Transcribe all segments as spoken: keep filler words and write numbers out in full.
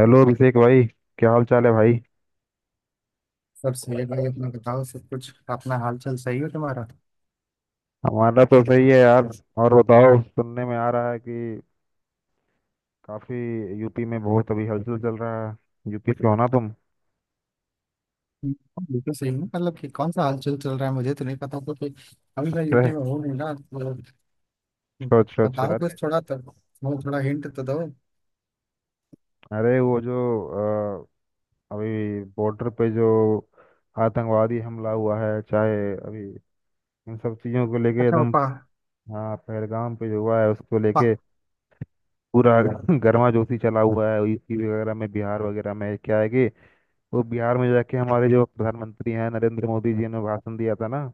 Hello Abhishek भाई। क्या हाल चाल है भाई। सब सही है भाई। अपना बताओ, सब कुछ अपना हाल चाल सही हो तुम्हारा? हमारा तो सही है यार। और बताओ, सुनने में आ रहा है कि काफी यूपी में बहुत अभी हलचल चल रहा है। यूपी से हो ना तुम? हाँ, बिल्कुल सही है। मतलब कि कौन सा हाल चाल चल रहा है मुझे तो नहीं पता, क्योंकि अभी मैं यूपी अरे, में हूँ नहीं ना, तो अच्छा अच्छा अच्छा। बताओ अरे, कुछ थोड़ा तो, वो थोड़ा हिंट तो दो। अरे वो जो अ, अभी बॉर्डर पे जो आतंकवादी हमला हुआ है, चाहे अभी इन सब चीजों को लेके अच्छा वो एकदम। पा, हाँ पहलगाम पे जो हुआ है उसको पा, लेके पूरा गर्मा जोशी चला हुआ है यूपी वगैरह में, बिहार वगैरह में। क्या है कि वो बिहार में जाके हमारे जो प्रधानमंत्री हैं नरेंद्र मोदी जी ने भाषण दिया था ना,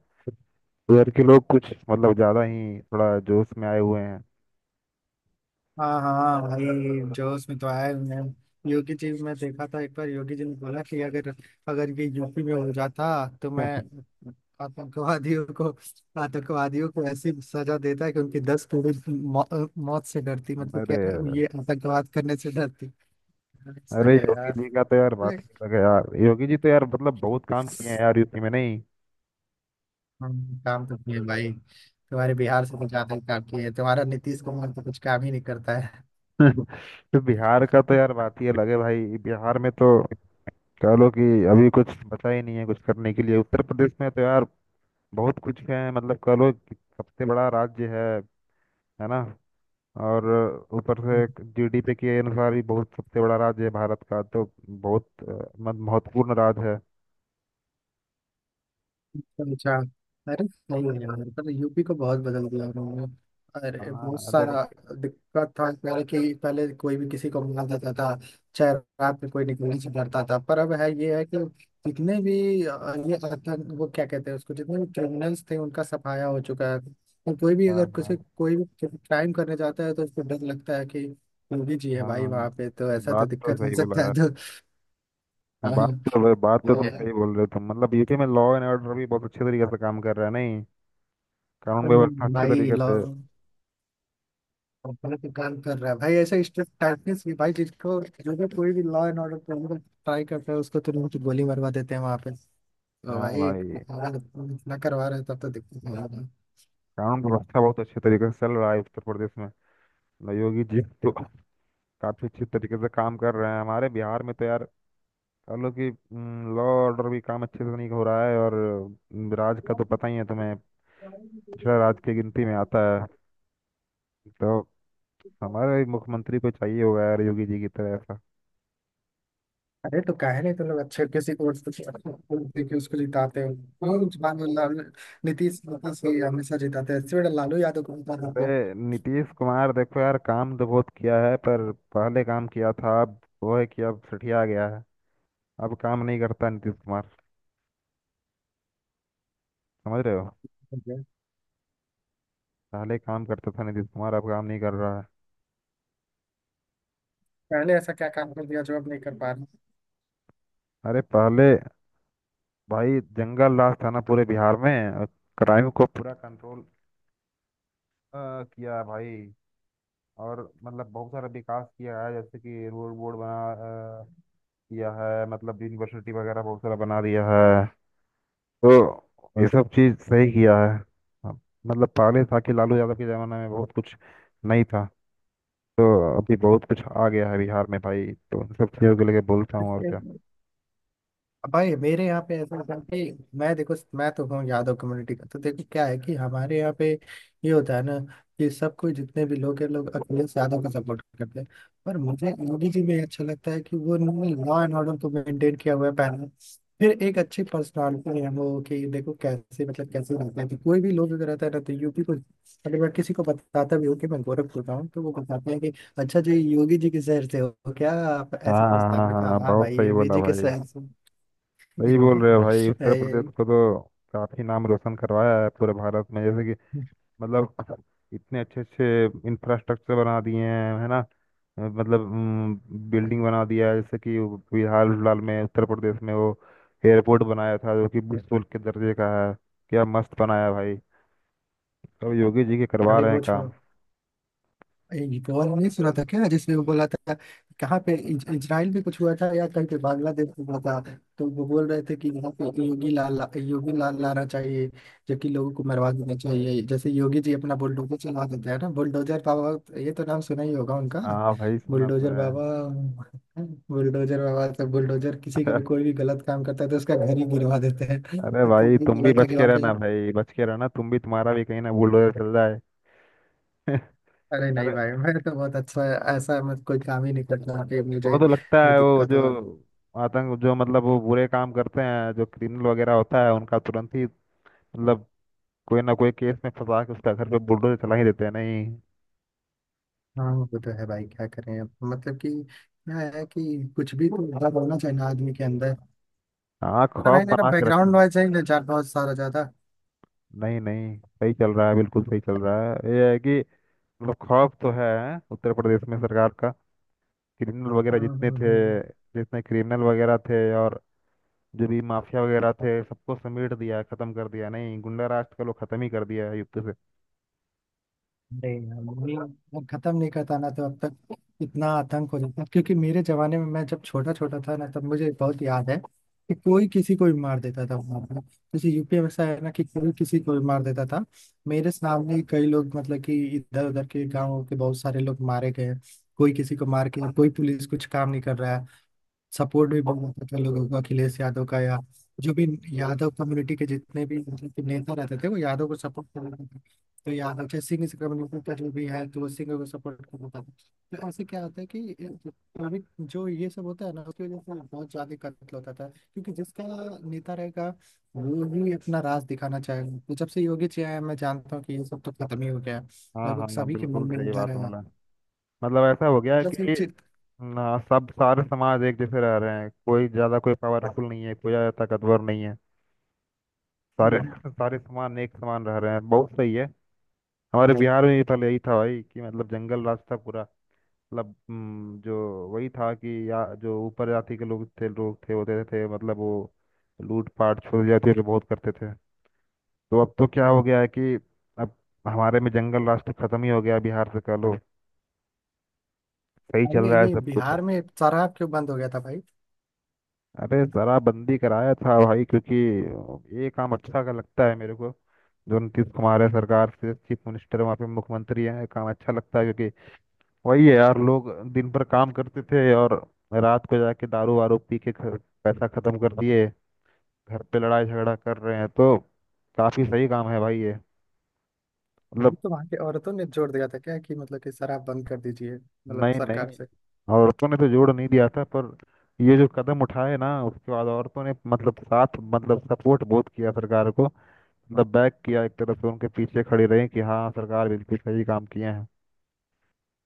उधर के लोग कुछ मतलब ज्यादा ही थोड़ा जोश में आए हुए हैं। हाँ हाँ भाई, जोश में तो आया मैं। योगी जी में देखा था एक बार, योगी जी ने बोला कि अगर अगर ये यूपी में हो जाता तो मैं आतंकवादियों को आतंकवादियों को ऐसी सजा देता है कि उनकी दस पीढ़ी मौ, मौत से डरती। मतलब अरे, कि ये आतंकवाद करने से डरती। अरे सही है योगी यार। जी का तो यार बात ही अलग है यार। योगी जी तो यार मतलब बहुत काम किए हैं यार यूपी में, नहीं? हम, काम तो किए भाई। तुम्हारे बिहार से तो ज्यादा ही काम किए। तुम्हारा नीतीश कुमार तो कुछ काम ही नहीं करता है। तो बिहार का तो यार बात ही अलग है भाई। बिहार में तो कह लो कि अभी कुछ बचा ही नहीं है कुछ करने के लिए। उत्तर प्रदेश में तो यार बहुत कुछ है, मतलब कह लो कि सबसे बड़ा राज्य है है ना। और ऊपर से जीडीपी के अनुसार भी बहुत सबसे बड़ा राज्य है भारत का, तो बहुत अ, मत- महत्वपूर्ण राज्य है। अच्छा अच्छा। अरे सही है यार, पर यूपी को बहुत बदल दिया उन्होंने। अरे बहुत हाँ सारा देखो। दिक्कत था पहले कि पहले कोई भी किसी को मार देता था, चाहे रात में कोई निकलने से डरता था। पर अब है ये है कि जितने भी अ, ये आतंक वो क्या कहते हैं उसको, जितने भी क्रिमिनल्स थे उनका सफाया हो चुका है। और कोई भी हाँ अगर किसी हाँ कोई भी क्राइम करने जाता है तो उसको डर लगता है कि योगी जी है भाई हाँ, वहाँ पे, तो ऐसा तो बात तो दिक्कत हो सही बोला सकता है यार। तो। हाँ, हाँ, बात तो बात तो वो तुम है। सही बोल रहे हो। तुम मतलब यूपी में लॉ एंड ऑर्डर भी बहुत अच्छे तरीके से काम कर रहा है, नहीं? कानून पर व्यवस्था अच्छे भाई तरीके लॉ से। और गलत काम कर रहा है भाई, ऐसा स्ट्रिक्ट टाइटनेस भी भाई। जिसको जो भी कोई भी law and order problem try करता है उसको तुरंत गोली मरवा देते हैं वहां पे। तो हाँ भाई भाई। इतना इतना करवा रहे हैं, तब तो दिक्कत है यार। कानून व्यवस्था बहुत अच्छे तरीके से चल रहा है उत्तर प्रदेश में। मतलब योगी जी तो काफी अच्छे तरीके से काम कर रहे हैं। हमारे बिहार में तो यार और लोग की लॉ ऑर्डर भी काम अच्छे से नहीं हो रहा है। और अम, राज का तो पता ही है तुम्हें, पिछड़ा राज की गिनती में आता है। तो हमारे मुख्यमंत्री को चाहिए होगा यार योगी जी की तरह ऐसा। अरे तो काहे नहीं तुम लोग अच्छे किसी कोर्स को देखिए उसको जिताते हो, क्यों जुबान में लाल नीतीश नीतीश ही हमेशा जिताते हैं? इससे बड़ा लालू यादव को जिता अरे देते नीतीश कुमार देखो यार, काम तो बहुत किया है, पर पहले काम किया था। अब वो है कि अब सठिया गया है, अब काम नहीं करता नीतीश कुमार, समझ रहे हो। हैं। पहले काम करता था नीतीश कुमार, अब काम नहीं कर रहा है। पहले ऐसा क्या काम कर दिया जो अब नहीं कर पा अरे पहले भाई जंगल राज था ना पूरे बिहार में, क्राइम को पूरा कंट्रोल किया भाई। और मतलब बहुत सारा विकास किया है, जैसे कि रोड बोर्ड बना अ, किया है, मतलब यूनिवर्सिटी वगैरह बहुत सारा बना दिया है। तो ये सब चीज़ सही किया है। अब मतलब पहले था कि लालू यादव के ज़माने में बहुत कुछ नहीं था, तो अभी बहुत कुछ आ गया है बिहार में भाई, तो उन सब चीज़ों को लेके बोलता हूँ, और क्या। रहे? भाई मेरे यहाँ पे ऐसा था कि मैं देखो, मैं तो हूँ यादव कम्युनिटी का, तो देखो क्या है कि हमारे यहाँ पे ये होता है ना कि सब कोई, जितने भी लोग हैं लोग अखिलेश यादव का सपोर्ट करते हैं। पर मुझे मोदी जी में अच्छा लगता है कि वो लॉ एंड ऑर्डर को मेंटेन किया हुआ है पहले। फिर एक अच्छी पर्सनालिटी है, वो कि देखो कैसे मतलब कैसे रहते हैं। तो कोई भी लोग अगर रहता है ना तो यूपी को मतलब, अगर मैं किसी को बताता भी हूँ कि मैं गोरखपुर का हूँ, तो वो बताते हैं कि अच्छा जी योगी जी के शहर से हो क्या आप, ऐसे हाँ हाँ पूछता है। मैं हाँ कहा, हाँ, हाँ हाँ बहुत भाई सही योगी बोला जी के भाई। शहर से। सही बोल रहे हो भाई, उत्तर प्रदेश ए, को तो काफ़ी नाम रोशन करवाया है पूरे भारत में, जैसे कि मतलब इतने अच्छे अच्छे इंफ्रास्ट्रक्चर बना दिए हैं, है ना। अ, मतलब बिल्डिंग बना दिया है, जैसे कि वो बिहार फिलहाल में उत्तर प्रदेश में वो एयरपोर्ट बनाया था जो कि विश्व के दर्जे का है। क्या मस्त बनाया भाई। सब योगी जी के करवा अरे रहे हैं वो छोड़ो। काम। एक और नहीं सुना था क्या जिसमें वो बोला था कहाँ पे, इज- इजराइल में कुछ हुआ था या कहीं पे बांग्लादेश में हुआ था। तो वो बोल रहे थे कि यहाँ पे योगी लाल योगी लाल लाना चाहिए, जबकि लोगों को मरवा देना चाहिए जैसे योगी जी अपना बुलडोजर चलवा देते हैं ना। बुलडोजर बाबा, ये तो नाम सुना ही होगा उनका, हाँ भाई सुना तो बुलडोजर है। बाबा। बुलडोजर बाबा तो बुलडोजर, किसी का भी कोई भी गलत काम करता है तो उसका घर ही गिरवा देते हैं। अरे तो भाई वो तुम भी बोला था बच कि के वहाँ पे रहना भाई, बच के रहना तुम भी, तुम्हारा भी कहीं ना बुलडोजर चल जाए। अरे नहीं अरे भाई, मैं तो बहुत अच्छा, ऐसा मत, कोई काम ही नहीं करता कि वो मुझे तो लगता कोई है, वो दिक्कत जो हो। आतंक जो मतलब वो बुरे काम करते हैं, जो क्रिमिनल वगैरह होता है, उनका तुरंत ही मतलब कोई ना कोई केस में फंसा के उसका घर पे बुलडोजर चला ही देते हैं, नहीं। हाँ वो तो है भाई, क्या करें अब। मतलब कि क्या है कि कुछ भी तो डर होना चाहिए ना आदमी के अंदर। हाँ, अरे खौफ भाई मेरा बना के बैकग्राउंड रखो। नॉइज है ना जा- बहुत सारा ज्यादा। नहीं नहीं, सही चल रहा है, बिल्कुल सही चल रहा है। ये है कि मतलब खौफ तो है उत्तर प्रदेश में सरकार का। क्रिमिनल वगैरह हम्म, जितने हम्म, थे, हम्म। जितने क्रिमिनल वगैरह थे और जो भी माफिया वगैरह थे सबको समेट दिया, खत्म कर दिया, नहीं गुंडा राज का लोग खत्म ही कर दिया है युद्ध से। नहीं यार, नहीं, अब खत्म नहीं करता ना तो अब तक इतना आतंक हो जाता। क्योंकि मेरे जमाने में, मैं जब छोटा छोटा था ना, तब मुझे बहुत याद है कि कोई किसी को भी मार देता था वहां पर। जैसे यूपी में ऐसा है ना कि कोई किसी को भी मार देता था। मेरे सामने ही कई लोग, मतलब कि इधर उधर के गाँव के बहुत सारे लोग मारे गए। कोई किसी को मार के, कोई पुलिस कुछ काम नहीं कर रहा है। सपोर्ट भी बहुत अच्छा था लोगों का अखिलेश यादव का, या जो भी यादव कम्युनिटी के जितने भी मतलब कि नेता रहते थे वो यादव को सपोर्ट कर रहे थे। तो यादव, चाहे सिंह कम्युनिटी का जो भी है तो वो सिंह को सपोर्ट कर रहा था। तो ऐसे क्या होता है कि जो भी- जो ये सब होता है ना उसकी वजह से बहुत ज्यादा कत्ल होता था। क्योंकि जिसका नेता रहेगा, वो ही अपना राज दिखाना चाहेगा। तो जब से योगी जी आए हैं, मैं जानता हूँ कि ये सब तो खत्म ही हो गया है। हाँ हाँ लगभग हाँ, सभी के बिल्कुल मन में सही डर बात है। बोला। मतलब ऐसा हो गया है मतलब कि सिर्फ चित- ना सब सारे समाज एक जैसे रह रहे हैं, कोई ज्यादा कोई पावरफुल नहीं है, कोई ज्यादा ताकतवर नहीं है। सारे हम्म, सारे सामान एक समान रह रहे हैं, बहुत सही है। हमारे हम्म बिहार में भी पहले यही था भाई कि मतलब जंगल राज था पूरा। मतलब हम्म, जो वही था कि या जो ऊपर जाति के लोग थे लोग थे होते थे, मतलब वो लूट पाट छोड़ जाते थे, बहुत करते थे। तो अब तो क्या हो गया है कि अब हमारे में जंगल राज तो खत्म ही हो गया बिहार से, कह लो। सही चल अरे रहा है ये सब कुछ। बिहार में शराब क्यों बंद हो गया था भाई? अरे जरा बंदी कराया था भाई, क्योंकि ये काम अच्छा का लगता है मेरे को। जो नीतीश कुमार है सरकार से चीफ मिनिस्टर, वहाँ पे मुख्यमंत्री है, काम अच्छा लगता है, क्योंकि वही है यार, लोग दिन भर काम करते थे और रात को जाके दारू वारू पी के घर- पैसा खत्म कर दिए, घर पे लड़ाई झगड़ा कर रहे हैं, तो काफी सही काम है भाई ये, मतलब। अभी तो वहां की औरतों ने जोर दिया था क्या कि मतलब कि शराब बंद कर दीजिए, मतलब नहीं नहीं, सरकार से। औरतों ने तो जोड़ नहीं हम्म। दिया था, पर ये जो कदम उठाए ना उसके बाद औरतों ने मतलब साथ मतलब सपोर्ट बहुत किया सरकार को, मतलब बैक किया, एक तरफ से उनके पीछे खड़ी रही कि हाँ सरकार बिल्कुल सही काम किए हैं।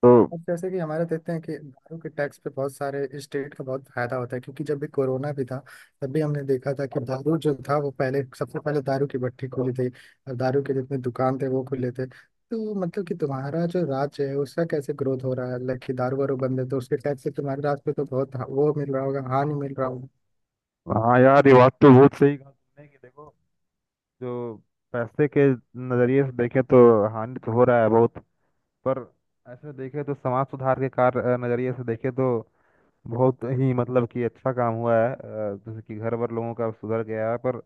तो अब जैसे कि हमारे देखते हैं कि दारू के टैक्स पे बहुत सारे स्टेट का बहुत फायदा होता है। क्योंकि जब भी कोरोना भी था तब भी हमने देखा था कि दारू जो था वो पहले, सबसे पहले दारू की भट्टी खुली थी और दारू के जितने दुकान थे वो खुले थे। तो मतलब कि तुम्हारा जो राज्य है उसका कैसे ग्रोथ हो रहा है, लाइक कि दारू वारू बंद है तो उसके टैक्स से तुम्हारे राज्य पे तो बहुत वो मिल रहा होगा, हानि मिल रहा। हाँ यार, ये बात तो बहुत सही कहा तुमने, कि देखो जो पैसे के नज़रिए से देखें तो हानि तो हो रहा है बहुत, पर ऐसे देखें तो समाज सुधार के कार्य नज़रिए से देखें तो बहुत ही मतलब कि अच्छा काम हुआ है अ, जैसे कि घर भर लोगों का सुधर गया है, पर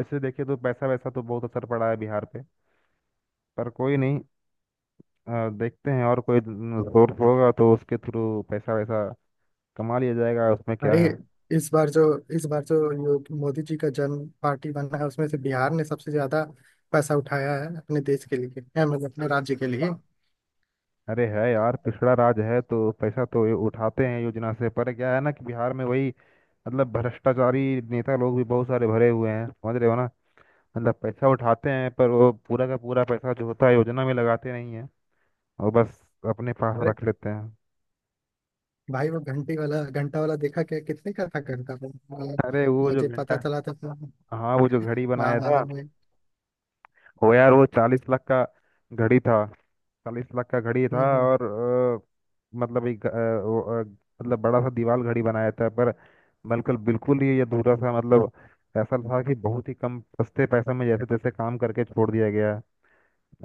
ऐसे देखें तो पैसा वैसा तो बहुत असर पड़ा है बिहार पे। पर कोई नहीं, अ, देखते हैं, और कोई सोर्स होगा तो उसके थ्रू पैसा वैसा कमा लिया जाएगा, उसमें क्या अरे है। इस बार जो इस बार जो यो- मोदी जी का जन्म पार्टी बना है, उसमें से बिहार ने सबसे ज्यादा पैसा उठाया है अपने देश के लिए है, मतलब अपने राज्य के लिए। अरे है यार, पिछड़ा राज है तो पैसा तो ये उठाते हैं योजना से, पर क्या है ना कि बिहार में वही मतलब भ्रष्टाचारी नेता लोग भी बहुत सारे भरे हुए हैं, समझ रहे हो ना। मतलब पैसा उठाते हैं, पर वो पूरा का पूरा पैसा जो होता है योजना में लगाते नहीं है और बस अपने पास अरे रख लेते हैं। भाई वो घंटे वाला घंटा वाला देखा क्या, कितने का था घंटा वो? अ, अरे वो जो मुझे घंटा। पता चला था तो, हाँ वो जो घड़ी हाँ बनाया हाँ हाँ था। वही। वो यार वो चालीस लाख का घड़ी था, चालीस लाख का घड़ी हम्म था हम्म। और अ, मतलब एक अ, वो, अ, मतलब बड़ा सा दीवार घड़ी बनाया था, पर बिल्कुल बिल्कुल ही अधूरा सा, मतलब ऐसा था कि बहुत ही कम सस्ते पैसे में जैसे तैसे काम करके छोड़ दिया गया,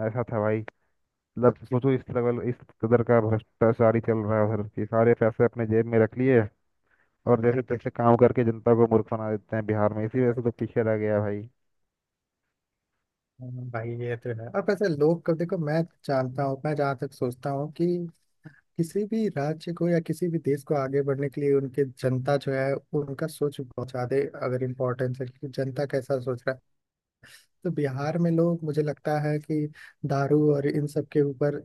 ऐसा था भाई। मतलब सोचो इस लेवल, इस कदर का भ्रष्टाचारी चल रहा है उधर कि सारे पैसे अपने जेब में रख लिए और जैसे तैसे काम करके जनता को मूर्ख बना देते हैं। बिहार में इसी वजह से तो पीछे रह गया भाई। हाँ, भाई ये तो है। और वैसे लोग को देखो, मैं जानता हूँ, मैं जहाँ तक सोचता हूँ कि किसी भी राज्य को या किसी भी देश को आगे बढ़ने के लिए उनके जनता जो है उनका सोच बहुत ज्यादा अगर इम्पोर्टेंस है, कि जनता कैसा सोच रहा है। तो बिहार में लोग मुझे लगता है कि दारू और इन सब के ऊपर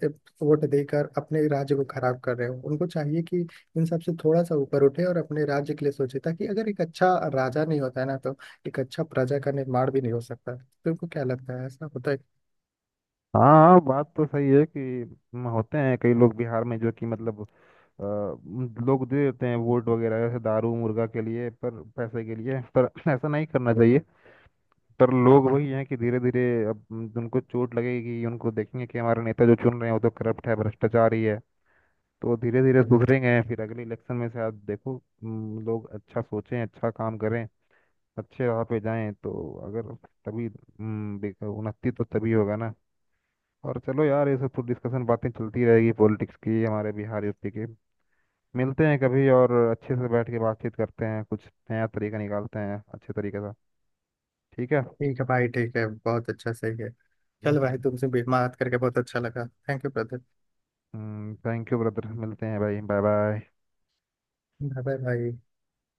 वोट देकर अपने राज्य को खराब कर रहे हो। उनको चाहिए कि इन सब से थोड़ा सा ऊपर उठे और अपने राज्य के लिए सोचे, ताकि अगर एक अच्छा राजा नहीं होता है ना तो एक अच्छा प्रजा का निर्माण भी नहीं हो सकता। तुमको क्या लगता है, ऐसा होता है? हाँ हाँ, बात तो सही है कि हम्म, होते हैं कई लोग बिहार में जो कि मतलब अ, उम, लोग दे देते हैं वोट वगैरह, जैसे दारू मुर्गा के लिए, पर पैसे के लिए, पर ऐसा नहीं करना चाहिए। पर लोग वही हैं कि धीरे धीरे अब उम, उनको चोट लगेगी, उनको देखेंगे कि हमारे नेता जो चुन रहे हैं वो तो करप्ट है, भ्रष्टाचारी है, तो धीरे धीरे सुधरेंगे, फिर अगले इलेक्शन में शायद देखो उम, लोग अच्छा सोचें, अच्छा काम करें, अच्छे राह पे जाएं तो अगर, तभी उम, देखो उन्नति तो तभी होगा ना। और चलो यार, ये सब तो डिस्कशन बातें चलती रहेगी पॉलिटिक्स की, हमारे बिहार यूपी की। मिलते हैं कभी और अच्छे से बैठ के बातचीत करते हैं, कुछ नया तरीका निकालते हैं अच्छे तरीके से, ठीक है। ठीक है भाई, ठीक है, बहुत अच्छा, सही है। चल भाई, तुमसे भी बात करके बहुत अच्छा लगा। Thank you brother. हम्म थैंक यू ब्रदर, मिलते हैं भाई, बाय बाय। बाय बाय भाई।